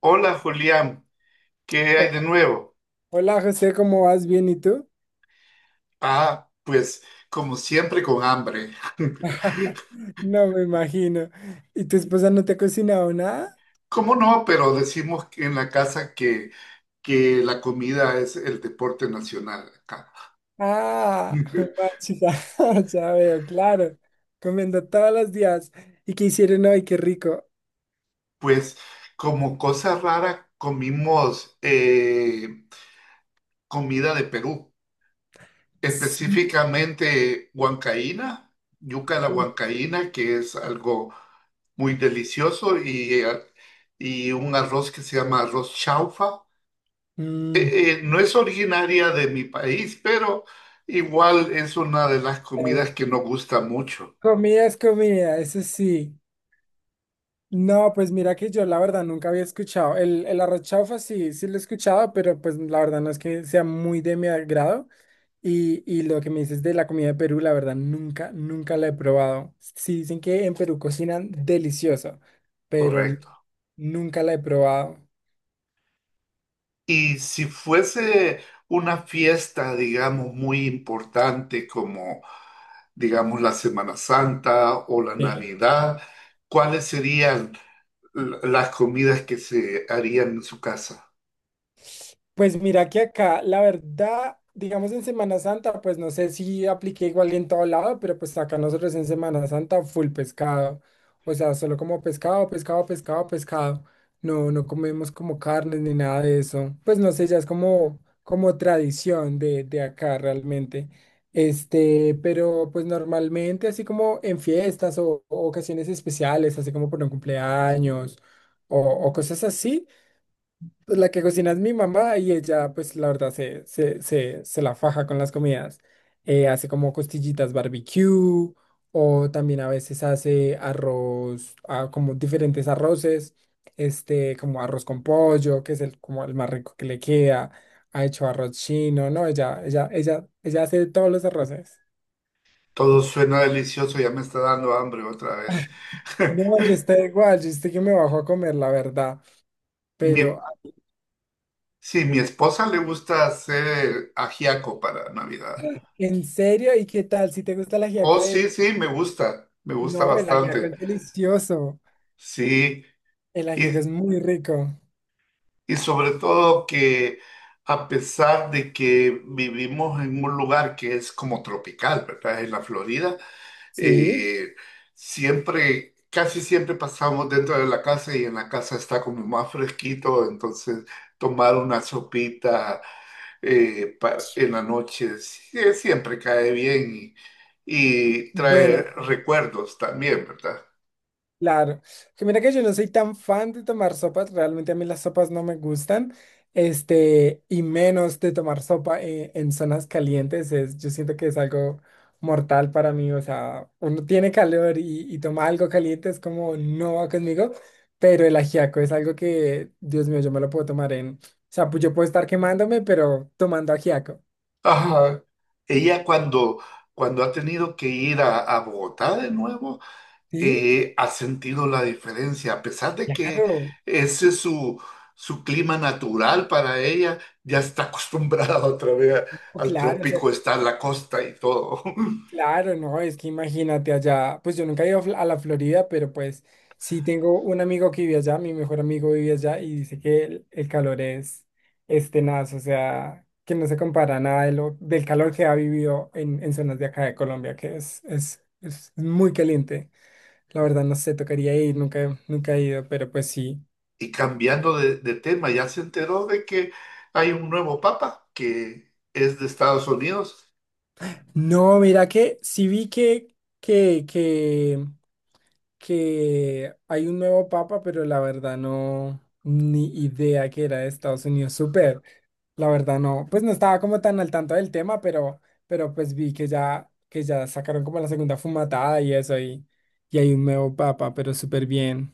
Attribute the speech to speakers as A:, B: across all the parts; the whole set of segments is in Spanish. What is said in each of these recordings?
A: Hola Julián, ¿qué hay de nuevo?
B: Hola José, ¿cómo vas? ¿Bien y tú?
A: Pues como siempre con hambre.
B: No me imagino. ¿Y tu esposa no te ha cocinado nada?
A: ¿Cómo no? Pero decimos que en la casa que la comida es el deporte nacional acá.
B: Ah, chica, ya veo, claro. Comiendo todos los días. ¿Y qué hicieron hoy? Qué rico.
A: Pues como cosa rara comimos comida de Perú.
B: Sí.
A: Específicamente huancaína, yuca a la huancaína, que es algo muy delicioso, y y un arroz que se llama arroz chaufa.
B: Mm,
A: No es originaria de mi país, pero igual es una de las
B: eh,
A: comidas que nos gusta mucho,
B: Comida es comida, eso sí. No, pues mira que yo la verdad nunca había escuchado. El arroz chaufa sí, sí lo he escuchado, pero pues la verdad no es que sea muy de mi agrado. Y lo que me dices de la comida de Perú, la verdad, nunca, nunca la he probado. Sí, dicen que en Perú cocinan delicioso, pero
A: correcto.
B: nunca la he probado.
A: Y si fuese una fiesta, digamos, muy importante como, digamos, la Semana Santa o la Navidad, ¿cuáles serían las comidas que se harían en su casa?
B: Pues mira que acá, la verdad, digamos en Semana Santa, pues no sé si apliqué igual en todo lado, pero pues acá nosotros en Semana Santa full pescado. O sea, solo como pescado, pescado, pescado, pescado. No, no comemos como carnes ni nada de eso. Pues no sé, ya es como, como tradición de, acá realmente. Pero pues normalmente así como en fiestas o ocasiones especiales, así como por un cumpleaños o o cosas así. Pues la que cocina es mi mamá y ella, pues la verdad, se la faja con las comidas. Hace como costillitas barbecue o también a veces hace arroz, como diferentes arroces, como arroz con pollo, que es el, como el más rico que le queda. Ha hecho arroz chino, ¿no? Ella hace todos los arroces.
A: Todo suena delicioso, ya me está dando hambre otra vez.
B: No, yo estoy igual, yo estoy que me bajo a comer, la verdad.
A: Mi,
B: Pero,
A: sí, mi esposa le gusta hacer ajiaco para Navidad.
B: ¿en serio? ¿Y qué tal? ¿Si te gusta el ajiaco
A: Oh,
B: de ella?
A: sí, sí, me gusta
B: No, el ajiaco
A: bastante.
B: es delicioso.
A: Sí,
B: El ajiaco es
A: y,
B: muy rico.
A: y sobre todo que a pesar de que vivimos en un lugar que es como tropical, ¿verdad? En la Florida,
B: Sí.
A: eh, siempre, casi siempre pasamos dentro de la casa y en la casa está como más fresquito, entonces tomar una sopita en la noche siempre cae bien y
B: Bueno,
A: trae recuerdos también, ¿verdad?
B: claro. Que mira que yo no soy tan fan de tomar sopas, realmente a mí las sopas no me gustan, y menos de tomar sopa en zonas calientes, es, yo siento que es algo mortal para mí, o sea, uno tiene calor y toma algo caliente, es como no va conmigo, pero el ajiaco es algo que, Dios mío, yo me lo puedo tomar en, o sea, pues yo puedo estar quemándome, pero tomando ajiaco,
A: Ajá. Ella cuando, cuando ha tenido que ir a Bogotá de nuevo,
B: ¿sí?
A: ha sentido la diferencia, a pesar de que
B: Claro,
A: ese es su, su clima natural para ella, ya está acostumbrada otra vez al
B: claro, o sea,
A: trópico, está en la costa y todo.
B: claro, no, es que imagínate allá, pues yo nunca he ido a a la Florida, pero pues sí tengo un amigo que vive allá, mi mejor amigo vive allá y dice que el calor es tenaz, o sea, que no se compara nada de lo, del calor que ha vivido en zonas de acá de Colombia, que es, es muy caliente. La verdad no sé, tocaría ir, nunca, nunca he ido, pero pues sí.
A: Y cambiando de tema, ya se enteró de que hay un nuevo papa que es de Estados Unidos.
B: No, mira que sí vi que, que hay un nuevo papa, pero la verdad no, ni idea que era de Estados Unidos. Súper, la verdad no, pues no estaba como tan al tanto del tema, pero pues vi que ya, sacaron como la segunda fumatada y eso, y hay un nuevo papa, pero súper bien.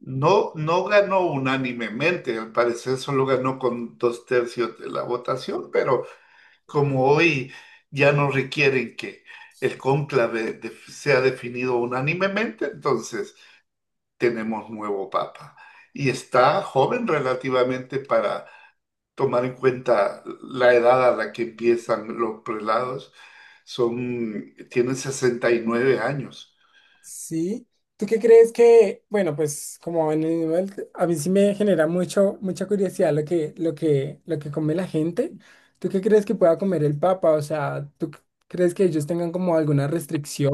A: No, no ganó unánimemente, al parecer solo ganó con dos tercios de la votación, pero como hoy ya no requieren que el cónclave sea definido unánimemente, entonces tenemos nuevo papa. Y está joven relativamente para tomar en cuenta la edad a la que empiezan los prelados. Tienen 69 años.
B: Sí. ¿Tú qué crees que, bueno, pues como en el nivel, a mí sí me genera mucho, mucha curiosidad lo que, lo que come la gente? ¿Tú qué crees que pueda comer el Papa? O sea, ¿tú crees que ellos tengan como alguna restricción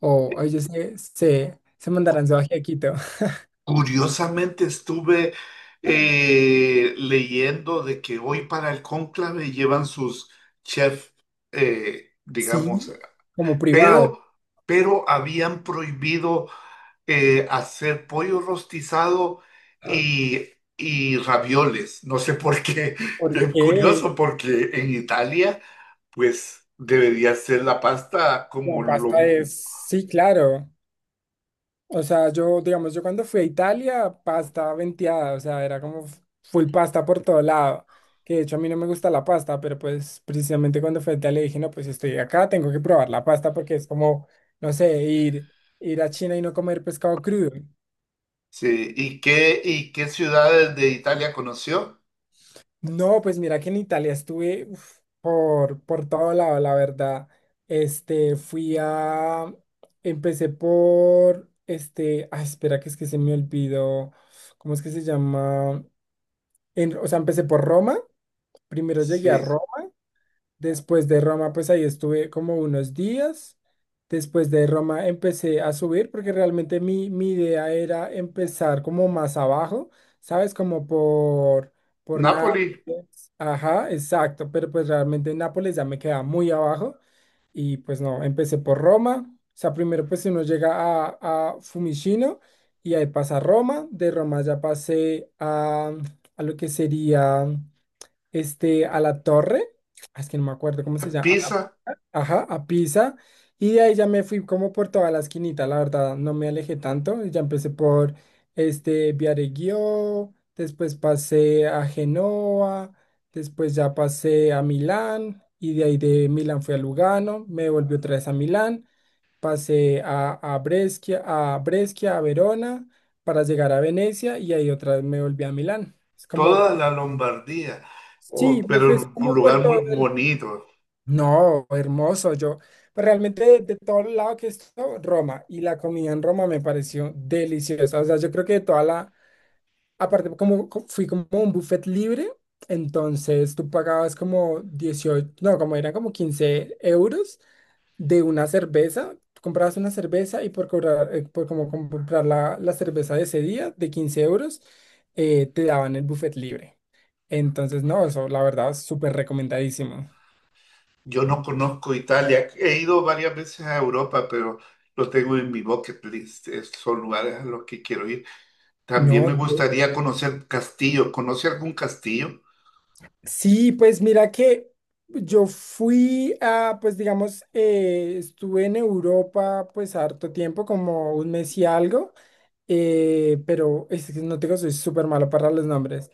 B: o ellos se mandarán su ají a Quito?
A: Curiosamente estuve leyendo de que hoy para el cónclave llevan sus chefs,
B: Sí,
A: digamos,
B: como privado.
A: pero, pero habían prohibido hacer pollo rostizado y, y ravioles. No sé por qué, es
B: Porque
A: curioso, porque en Italia, pues debería ser la pasta como
B: la
A: lo...
B: pasta es, sí, claro. O sea, yo, digamos, yo cuando fui a Italia, pasta venteada, o sea, era como full pasta por todo lado. Que de hecho a mí no me gusta la pasta, pero pues precisamente cuando fui a Italia dije, no, pues si estoy acá, tengo que probar la pasta porque es como, no sé, ir, ir a China y no comer pescado crudo.
A: Sí, ¿y qué ciudades de Italia conoció?
B: No, pues mira que en Italia estuve uf, por, todo lado, la verdad. Fui a, empecé por, ay, espera que es que se me olvidó, ¿cómo es que se llama? O sea, empecé por Roma, primero llegué a
A: Sí,
B: Roma, después de Roma pues ahí estuve como unos días, después de Roma empecé a subir porque realmente mi idea era empezar como más abajo, ¿sabes? Como por,
A: Nápoli,
B: Nápoles, ajá, exacto, pero pues realmente Nápoles ya me queda muy abajo y pues no, empecé por Roma, o sea, primero pues uno llega a, Fiumicino y ahí pasa Roma, de Roma ya pasé a lo que sería a la torre, es que no me acuerdo cómo se llama,
A: Pisa,
B: ajá, a Pisa, y de ahí ya me fui como por toda la esquinita, la verdad, no me alejé tanto, y ya empecé por, Viareggio, después pasé a Genoa, después ya pasé a Milán, y de ahí de Milán fui a Lugano, me volví otra vez a Milán, pasé a Brescia, a Verona, para llegar a Venecia, y ahí otra vez me volví a Milán. Es como...
A: toda la Lombardía. Oh,
B: Sí, me
A: pero
B: fui
A: un
B: como por
A: lugar muy
B: todo el...
A: bonito.
B: No, hermoso, yo. Pero realmente de todo el lado que estuvo, Roma. Y la comida en Roma me pareció deliciosa. O sea, yo creo que toda la... Aparte, como fui como un buffet libre, entonces tú pagabas como 18, no, como eran como 15 euros de una cerveza. Tú comprabas una cerveza y por cobrar, por como comprar la, la cerveza de ese día de 15 euros, te daban el buffet libre. Entonces, no, eso la verdad, súper recomendadísimo.
A: Yo no conozco Italia. He ido varias veces a Europa, pero lo tengo en mi bucket list. Son lugares a los que quiero ir. También
B: No,
A: me gustaría conocer castillos. ¿Conoce algún castillo?
B: sí, pues mira que yo fui a, pues digamos, estuve en Europa pues harto tiempo, como un mes y algo, pero es que no te digo, soy súper malo para los nombres,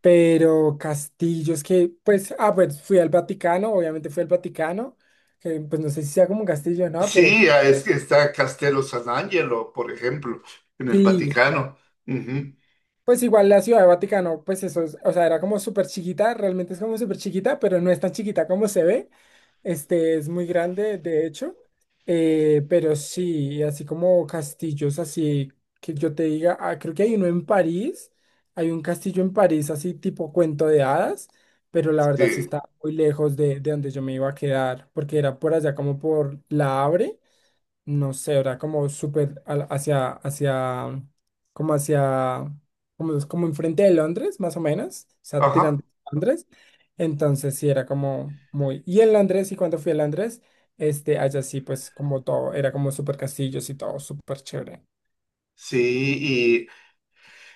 B: pero castillos que, pues, pues fui al Vaticano, obviamente fui al Vaticano, que pues no sé si sea como un castillo, ¿no? Pero
A: Sí, ah, es que está Castello San Angelo, por ejemplo, en el
B: sí.
A: Vaticano. Ujú,
B: Pues igual la Ciudad de Vaticano, pues eso es, o sea, era como súper chiquita, realmente es como súper chiquita, pero no es tan chiquita como se ve. Este es muy grande, de hecho. Pero sí, así como castillos, así que yo te diga, creo que hay uno en París, hay un castillo en París, así tipo cuento de hadas, pero la verdad sí
A: sí.
B: está muy lejos de donde yo me iba a quedar, porque era por allá como por La Havre, no sé, era como súper hacia, como hacia, como, es como enfrente de Londres, más o menos, o sea,
A: Ajá.
B: tirando a Londres. Entonces sí, era como muy... Y en Londres, y cuando fui a Londres, allá sí, pues como todo, era como súper castillos y todo, súper chévere.
A: Sí,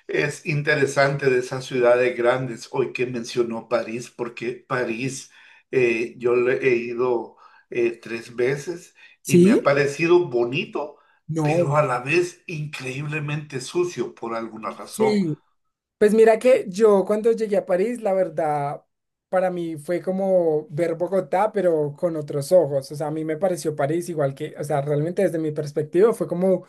A: es interesante de esas ciudades grandes, hoy que mencionó París, porque París yo le he ido tres veces y me ha
B: ¿Sí?
A: parecido bonito, pero
B: No,
A: a la vez increíblemente sucio por alguna razón.
B: sí, pues mira que yo cuando llegué a París, la verdad, para mí fue como ver Bogotá, pero con otros ojos. O sea, a mí me pareció París igual que, o sea, realmente desde mi perspectiva fue como,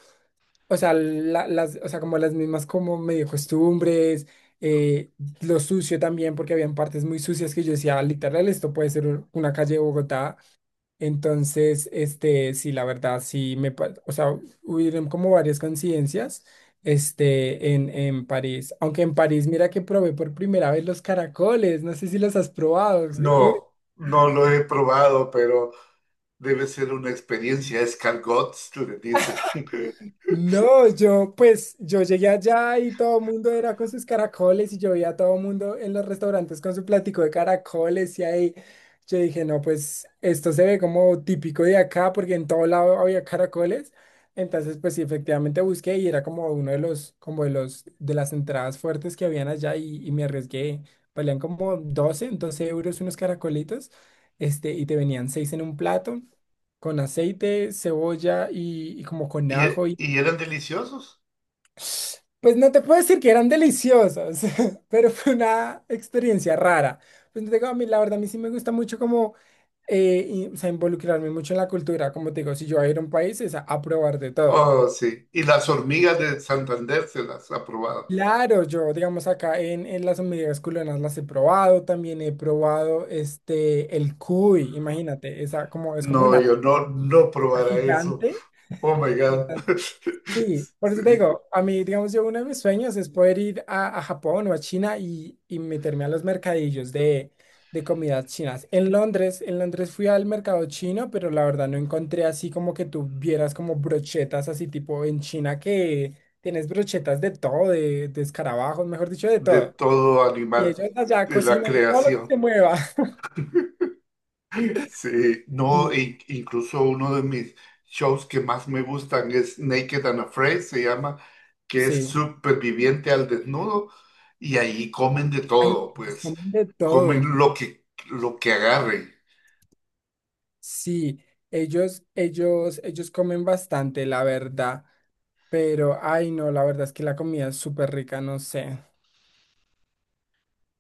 B: o sea, las, o sea, como las mismas como medio costumbres, eh, lo sucio también, porque habían partes muy sucias que yo decía: "Ah, literal, esto puede ser una calle de Bogotá". Entonces, sí, la verdad, sí me, o sea, hubieron como varias coincidencias, en, París. Aunque en París, mira que probé por primera vez los caracoles, no sé si los has probado. Uy,
A: No, no lo he probado, pero debe ser una experiencia. Escargots, le dicen.
B: no, yo pues yo llegué allá y todo el mundo era con sus caracoles y yo veía a todo el mundo en los restaurantes con su platico de caracoles y ahí yo dije, no, pues esto se ve como típico de acá porque en todo lado había caracoles. Entonces, pues sí, efectivamente busqué y era como uno de los, como de los, de las entradas fuertes que habían allá y me arriesgué. Valían como 12 12 euros unos caracolitos, y te venían seis en un plato con aceite, cebolla y como con
A: ¿Y,
B: ajo.
A: y eran deliciosos?
B: Pues no te puedo decir que eran deliciosas, pero fue una experiencia rara. Pues te digo, a mí la verdad, a mí sí me gusta mucho como o sea, involucrarme mucho en la cultura. Como te digo, si yo voy a ir a un país es a probar de todo.
A: Oh, sí. Y las hormigas de Santander se las ha probado.
B: Claro, yo, digamos, acá en, las hormigas culonas las he probado, también he probado el cuy, imagínate, esa como, es como
A: No,
B: una
A: yo no, no
B: rata
A: probara eso.
B: gigante.
A: Oh my God.
B: Sí, por eso te
A: Sería
B: digo, a mí, digamos, yo uno de mis sueños es poder ir a Japón o a China y meterme a los mercadillos de, comidas chinas. En Londres fui al mercado chino, pero la verdad no encontré así como que tú vieras como brochetas así tipo en China que tienes brochetas de todo, de, escarabajos, mejor dicho, de
A: de
B: todo.
A: todo
B: Y
A: animal
B: ellos allá
A: de la
B: cocinan todo lo que
A: creación.
B: se mueva.
A: Sí, no,
B: Y
A: incluso uno de mis shows que más me gustan es Naked and Afraid, se llama, que es
B: sí,
A: superviviente al desnudo, y ahí comen de
B: hay,
A: todo, pues
B: comen de todo.
A: comen lo que, lo que agarren.
B: Sí, ellos comen bastante, la verdad. Pero, ay, no, la verdad es que la comida es súper rica, no sé.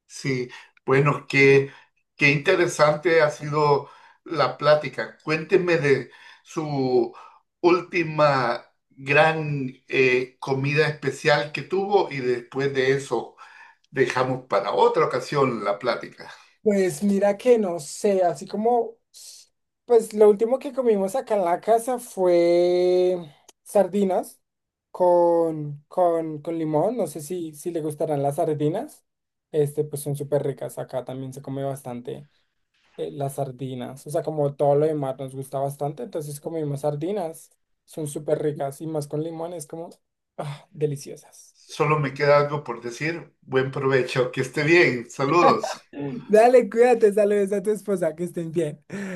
A: Sí, bueno, qué interesante ha sido la plática. Cuénteme de su última gran comida especial que tuvo y después de eso dejamos para otra ocasión la plática.
B: Pues mira que no sé, así como, pues lo último que comimos acá en la casa fue sardinas con, con limón, no sé si, si le gustarán las sardinas, pues son súper ricas, acá también se come bastante las sardinas, o sea, como todo lo demás nos gusta bastante, entonces comimos sardinas, son súper ricas y más con limón es como, ah, deliciosas.
A: Solo me queda algo por decir. Buen provecho, que esté bien. Saludos.
B: Dale, cuídate, saludos a tu esposa, que estén bien.